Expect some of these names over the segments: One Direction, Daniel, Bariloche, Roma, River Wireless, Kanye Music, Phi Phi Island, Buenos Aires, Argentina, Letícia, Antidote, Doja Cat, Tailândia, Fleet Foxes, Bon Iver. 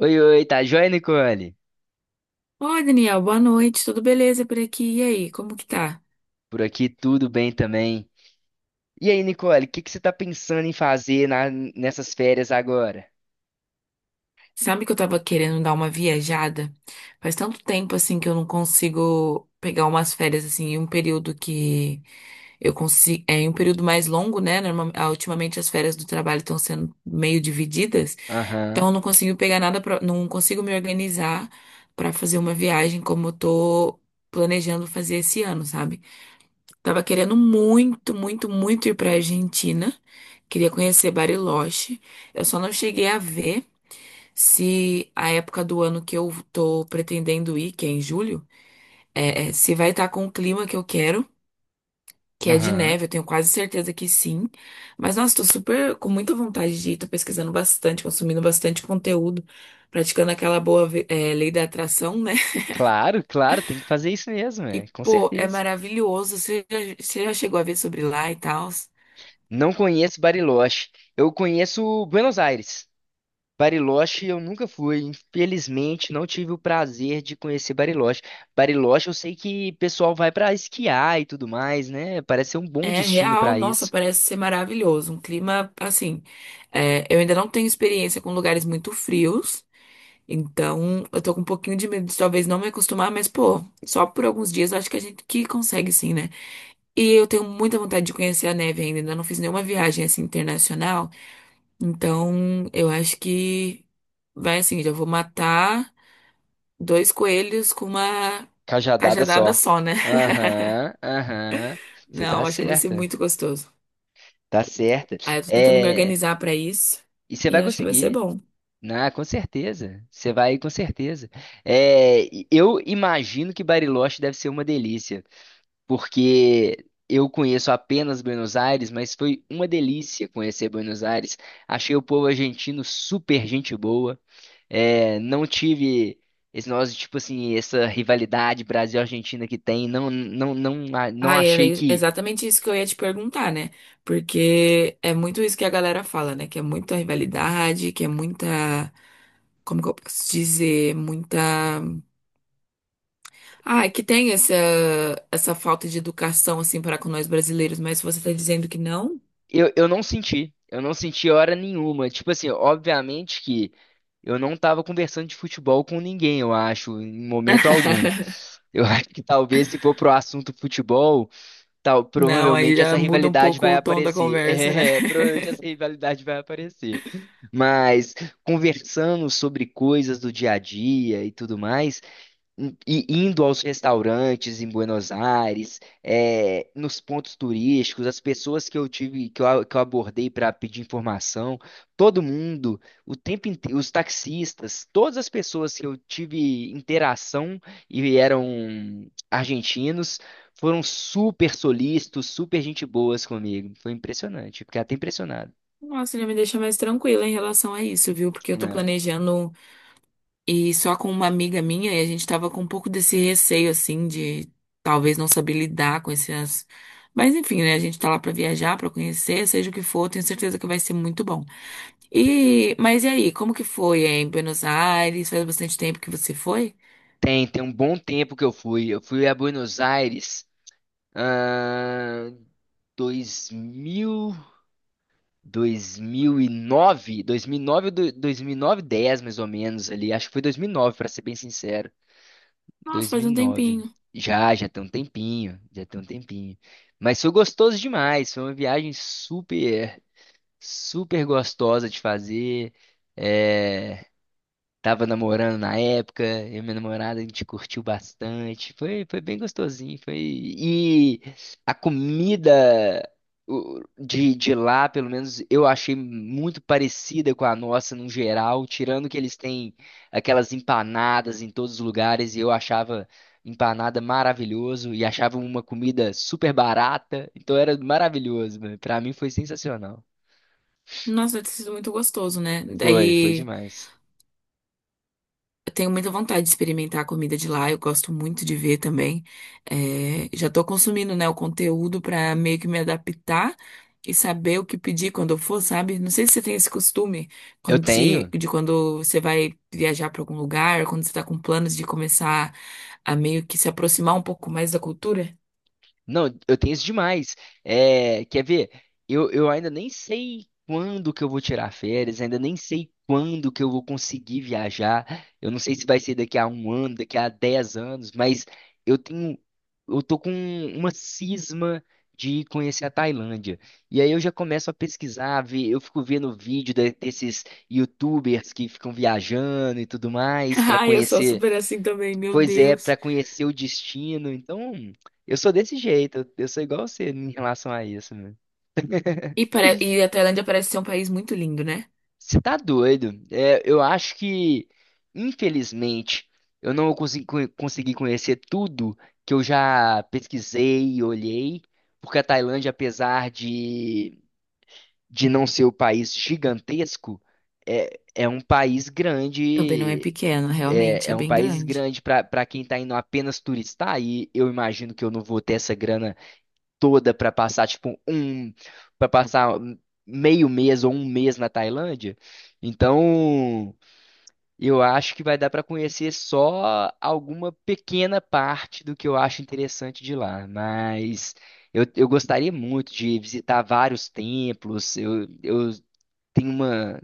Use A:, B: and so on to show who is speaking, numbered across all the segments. A: Oi, oi, tá joia, Nicole?
B: Oi, Daniel, boa noite, tudo beleza por aqui? E aí, como que tá?
A: Por aqui tudo bem também. E aí, Nicole, o que que você tá pensando em fazer nessas férias agora?
B: Sabe que eu tava querendo dar uma viajada? Faz tanto tempo assim que eu não consigo pegar umas férias assim, em um período que eu consigo, é em um período mais longo, né? Ultimamente as férias do trabalho estão sendo meio divididas,
A: Aham,
B: então eu não consigo pegar nada pra não consigo me organizar pra fazer uma viagem como eu tô planejando fazer esse ano, sabe? Tava querendo muito, muito, muito ir pra Argentina. Queria conhecer Bariloche. Eu só não cheguei a ver se a época do ano que eu tô pretendendo ir, que é em julho, se vai estar com o clima que eu quero, que é de
A: aham.
B: neve. Eu tenho quase certeza que sim. Mas, nossa, tô super com muita vontade de ir. Tô pesquisando bastante, consumindo bastante conteúdo, praticando aquela boa, lei da atração, né?
A: Claro, claro, tem que fazer isso mesmo,
B: E,
A: é, com
B: pô, é
A: certeza.
B: maravilhoso. Você já chegou a ver sobre lá e tal?
A: Não conheço Bariloche. Eu conheço Buenos Aires. Bariloche eu nunca fui, infelizmente não tive o prazer de conhecer Bariloche. Bariloche eu sei que o pessoal vai pra esquiar e tudo mais, né? Parece ser um bom
B: É
A: destino
B: real,
A: pra
B: nossa,
A: isso.
B: parece ser maravilhoso. Um clima assim. Eu ainda não tenho experiência com lugares muito frios, então eu tô com um pouquinho de medo de talvez não me acostumar, mas pô, só por alguns dias eu acho que a gente que consegue sim, né? E eu tenho muita vontade de conhecer a neve ainda, ainda não fiz nenhuma viagem assim internacional, então eu acho que vai assim, já vou matar dois coelhos com uma
A: Cajadada
B: cajadada
A: só.
B: só, né?
A: Aham, aham. Você tá
B: Não, acho que vai ser
A: certa.
B: muito gostoso.
A: Tá certa.
B: Aí eu tô tentando me
A: É,
B: organizar pra isso
A: e você
B: e
A: vai
B: acho que vai ser
A: conseguir.
B: bom.
A: Na, com certeza. Você vai com certeza. É, e eu imagino que Bariloche deve ser uma delícia, porque eu conheço apenas Buenos Aires, mas foi uma delícia conhecer Buenos Aires. Achei o povo argentino super gente boa. É, não tive esse negócio, tipo assim, essa rivalidade Brasil-Argentina que tem. Não, não, não, não
B: Ah, e era
A: achei
B: ex-
A: que.
B: exatamente isso que eu ia te perguntar, né? Porque é muito isso que a galera fala, né? Que é muita rivalidade, que é muita. Como que eu posso dizer? Muita. Ah, é que tem essa falta de educação, assim, para com nós brasileiros, mas você tá dizendo que não?
A: Eu não senti. Eu não senti hora nenhuma. Tipo assim, obviamente que eu não tava conversando de futebol com ninguém, eu acho, em momento algum. Eu acho que talvez se for pro assunto futebol, tal,
B: Não, aí
A: provavelmente essa
B: já muda um
A: rivalidade
B: pouco
A: vai
B: o tom da
A: aparecer.
B: conversa, né?
A: É, provavelmente essa rivalidade vai aparecer. Mas conversando sobre coisas do dia a dia e tudo mais, e indo aos restaurantes em Buenos Aires, nos pontos turísticos, as pessoas que eu tive, que eu, a- que eu abordei para pedir informação, todo mundo, o tempo inteiro, os taxistas, todas as pessoas que eu tive interação e eram argentinos, foram super solícitos, super gente boas comigo. Foi impressionante, fiquei até impressionado,
B: Nossa, já me deixa mais tranquila em relação a isso, viu? Porque eu tô
A: né?
B: planejando. E só com uma amiga minha, e a gente tava com um pouco desse receio, assim, de talvez não saber lidar com essas. Mas enfim, né? A gente tá lá pra viajar, pra conhecer, seja o que for, tenho certeza que vai ser muito bom. E, mas e aí, como que foi em Buenos Aires? Faz bastante tempo que você foi?
A: Tem um bom tempo que eu fui. Eu fui a Buenos Aires. 2000, 2009, 2009, 10 mais ou menos ali. Acho que foi 2009, para ser bem sincero.
B: Nossa, faz um
A: 2009.
B: tempinho.
A: Já tem um tempinho, já tem um tempinho. Mas foi gostoso demais, foi uma viagem super gostosa de fazer. É, tava namorando na época, eu e minha namorada, a gente curtiu bastante. Foi bem gostosinho, foi. E a comida de lá, pelo menos, eu achei muito parecida com a nossa no geral, tirando que eles têm aquelas empanadas em todos os lugares, e eu achava empanada maravilhoso, e achava uma comida super barata, então era maravilhoso, mano. Pra mim foi sensacional.
B: Nossa, deve ter sido muito gostoso, né?
A: Foi, foi
B: Daí.
A: demais.
B: Eu tenho muita vontade de experimentar a comida de lá, eu gosto muito de ver também. É, já tô consumindo, né, o conteúdo pra meio que me adaptar e saber o que pedir quando eu for, sabe? Não sei se você tem esse costume
A: Eu
B: quando se,
A: tenho...
B: de quando você vai viajar pra algum lugar, quando você tá com planos de começar a meio que se aproximar um pouco mais da cultura.
A: Não, eu tenho isso demais. É, quer ver? Eu ainda nem sei quando que eu vou tirar férias, ainda nem sei quando que eu vou conseguir viajar. Eu não sei se vai ser daqui a um ano, daqui a dez anos, mas eu tenho, eu tô com uma cisma de conhecer a Tailândia. E aí eu já começo a pesquisar, ver, eu fico vendo vídeo desses YouTubers que ficam viajando e tudo mais para
B: Ai, eu sou
A: conhecer.
B: super assim também, meu
A: Pois é,
B: Deus.
A: pra conhecer o destino. Então, eu sou desse jeito. Eu sou igual você em relação a isso, né?
B: E, e a Tailândia parece ser um país muito lindo, né?
A: Você tá doido? É, eu acho que, infelizmente, eu não consegui conhecer tudo que eu já pesquisei e olhei, porque a Tailândia, apesar de não ser o país gigantesco, é um país
B: Também não é
A: grande.
B: pequeno, realmente, é
A: É um
B: bem
A: país
B: grande.
A: grande para quem está indo apenas turistar, e eu imagino que eu não vou ter essa grana toda pra passar, pra passar meio mês ou um mês na Tailândia. Então, eu acho que vai dar pra conhecer só alguma pequena parte do que eu acho interessante de lá, mas eu gostaria muito de visitar vários templos. Eu tenho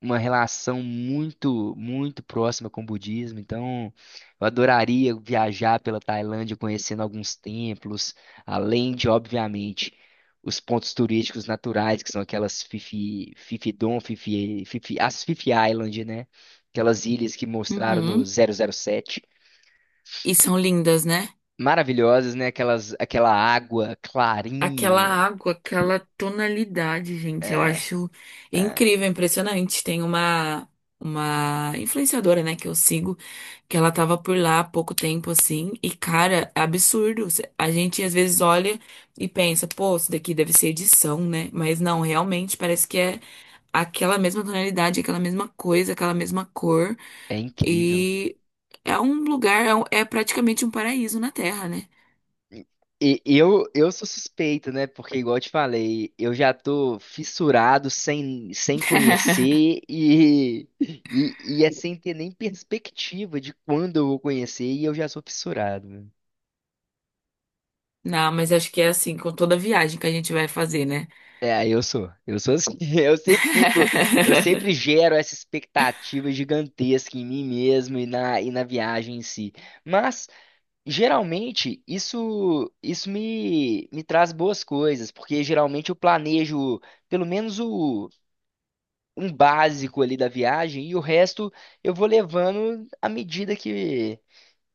A: uma relação muito próxima com o budismo. Então, eu adoraria viajar pela Tailândia conhecendo alguns templos, além de, obviamente, os pontos turísticos naturais, que são aquelas Phi Phi Don, as Phi Phi Island, né? Aquelas ilhas que mostraram no
B: Uhum.
A: zero zero sete.
B: E são lindas, né?
A: Maravilhosas, né? Aquelas, aquela água
B: Aquela
A: clarinha.
B: água, aquela tonalidade, gente, eu
A: É,
B: acho
A: é,
B: incrível, impressionante. Tem uma influenciadora, né, que eu sigo, que ela tava por lá há pouco tempo assim, e cara, é absurdo. A gente às vezes olha e pensa, pô, isso daqui deve ser edição, né? Mas não, realmente parece que é aquela mesma tonalidade, aquela mesma coisa, aquela mesma cor,
A: é incrível.
B: e é um lugar, é praticamente um paraíso na Terra, né?
A: E eu sou suspeito, né? Porque, igual eu te falei, eu já tô fissurado sem conhecer e é sem ter nem perspectiva de quando eu vou conhecer e eu já sou fissurado, né?
B: Não, mas acho que é assim com toda viagem que a gente vai fazer, né?
A: É, eu sou. Eu sou assim. Eu sempre fico, eu sempre gero essa expectativa gigantesca em mim mesmo e e na viagem em si. Mas geralmente, isso me traz boas coisas, porque geralmente eu planejo pelo menos um básico ali da viagem e o resto eu vou levando à medida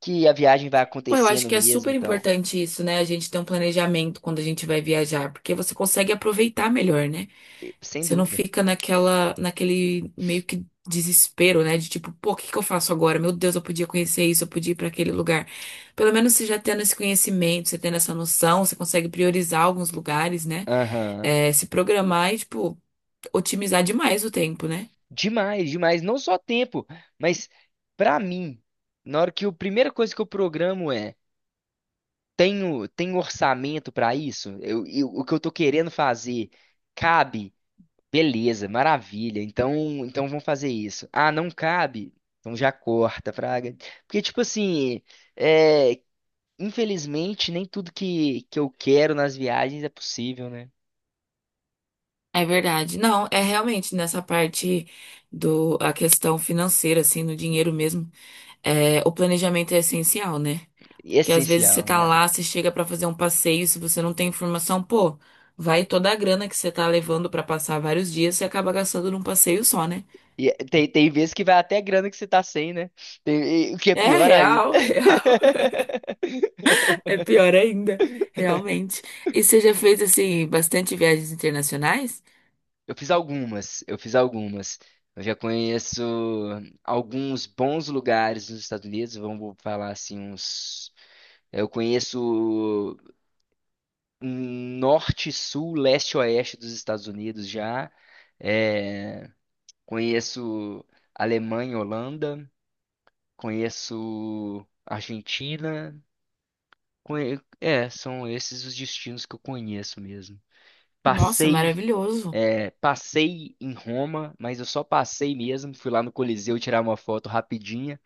A: que a viagem vai
B: Pô, eu acho
A: acontecendo
B: que é
A: mesmo,
B: super
A: então,
B: importante isso, né? A gente ter um planejamento quando a gente vai viajar, porque você consegue aproveitar melhor, né?
A: sem
B: Você não
A: dúvida.
B: fica naquela, naquele meio que desespero, né? De tipo, pô, o que que eu faço agora? Meu Deus, eu podia conhecer isso, eu podia ir para aquele lugar. Pelo menos você já tendo esse conhecimento, você tendo essa noção, você consegue priorizar alguns lugares, né?
A: Aham.
B: É, se programar e, tipo, otimizar demais o tempo, né?
A: Demais, demais. Não só tempo, mas pra mim, na hora que a primeira coisa que eu programo é: tenho, tenho orçamento pra isso? O que eu tô querendo fazer cabe? Beleza, maravilha. Então vamos fazer isso. Ah, não cabe? Então já corta, Fraga. Porque, tipo assim, é, infelizmente, nem tudo que eu quero nas viagens é possível, né?
B: É verdade. Não, é realmente nessa parte do a questão financeira, assim, no dinheiro mesmo, é, o planejamento é essencial, né?
A: E é
B: Porque às vezes
A: essencial,
B: você tá
A: né?
B: lá, você chega pra fazer um passeio, se você não tem informação, pô, vai toda a grana que você tá levando pra passar vários dias, você acaba gastando num passeio só, né?
A: E é, tem vezes que vai até grana que você tá sem, né? E o que é
B: É
A: pior ainda.
B: real, real. É pior ainda, realmente. E você já fez, assim, bastante viagens internacionais?
A: Eu fiz algumas, eu fiz algumas. Eu já conheço alguns bons lugares nos Estados Unidos, vamos falar assim, uns. Eu conheço norte, sul, leste, oeste dos Estados Unidos já. É, conheço Alemanha, Holanda, conheço Argentina. É, são esses os destinos que eu conheço mesmo.
B: Nossa,
A: Passei...
B: maravilhoso.
A: É, passei em Roma, mas eu só passei mesmo. Fui lá no Coliseu tirar uma foto rapidinha,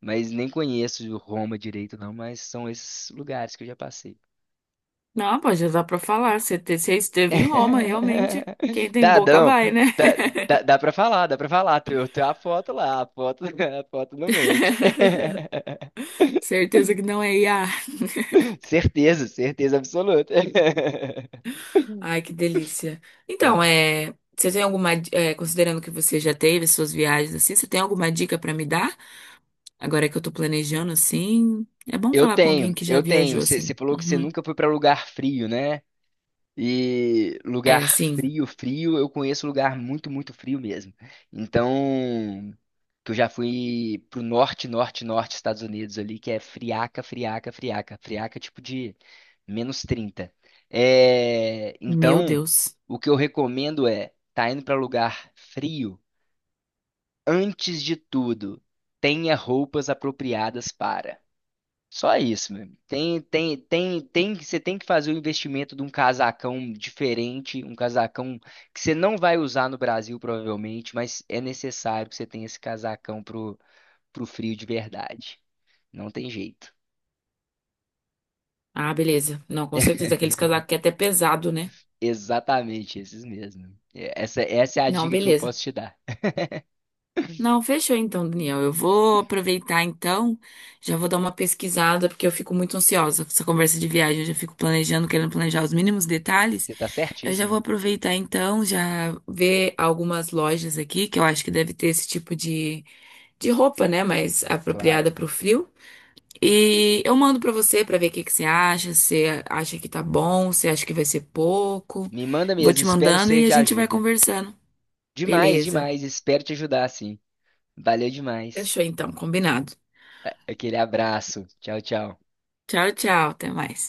A: mas nem conheço Roma direito, não. Mas são esses lugares que eu já passei.
B: Não, pô, já dá pra falar. Você esteve em Roma, realmente. Quem tem
A: Dá,
B: boca
A: não.
B: vai, né?
A: Dá, dá pra falar, dá pra falar. Tem, tem a foto lá, a foto, a foto não mente.
B: Certeza que não é IA.
A: Certeza, certeza absoluta.
B: Ai, que delícia. Então,
A: É.
B: é, você tem alguma, é, considerando que você já teve suas viagens assim, você tem alguma dica pra me dar? Agora que eu tô planejando assim, é bom falar com alguém que já
A: Eu tenho.
B: viajou
A: Você
B: assim.
A: falou que você
B: Uhum.
A: nunca foi pra lugar frio, né? E lugar
B: É, sim.
A: frio, frio, eu conheço lugar muito, muito frio mesmo. Então, que eu já fui pro norte, norte, norte, Estados Unidos ali, que é friaca, friaca, friaca, friaca, é tipo de -30. É,
B: Meu
A: então,
B: Deus.
A: o que eu recomendo é, tá indo para lugar frio, antes de tudo, tenha roupas apropriadas para. Só isso, meu. Você tem que fazer o investimento de um casacão diferente, um casacão que você não vai usar no Brasil, provavelmente, mas é necessário que você tenha esse casacão pro frio de verdade. Não tem jeito.
B: Ah, beleza. Não, com certeza. Aqueles casacos que é até pesado, né?
A: Exatamente, esses mesmo. Essa, essa é a
B: Não,
A: dica que eu
B: beleza.
A: posso te dar.
B: Não, fechou então, Daniel. Eu vou aproveitar então, já vou dar uma pesquisada, porque eu fico muito ansiosa com essa conversa de viagem. Eu já fico planejando, querendo planejar os mínimos detalhes.
A: Você tá
B: Eu já vou
A: certíssima?
B: aproveitar então, já ver algumas lojas aqui, que eu acho que deve ter esse tipo de roupa, né? Mais
A: Claro.
B: apropriada para o frio. E eu mando para você para ver o que que você acha, se acha que tá bom, se acha que vai ser pouco.
A: Me manda
B: Vou
A: mesmo,
B: te
A: espero
B: mandando
A: ser
B: e a
A: de
B: gente vai
A: ajuda.
B: conversando.
A: Demais,
B: Beleza.
A: demais, espero te ajudar, sim. Valeu demais.
B: Fechou então, combinado.
A: Aquele abraço. Tchau, tchau.
B: Tchau, tchau. Até mais.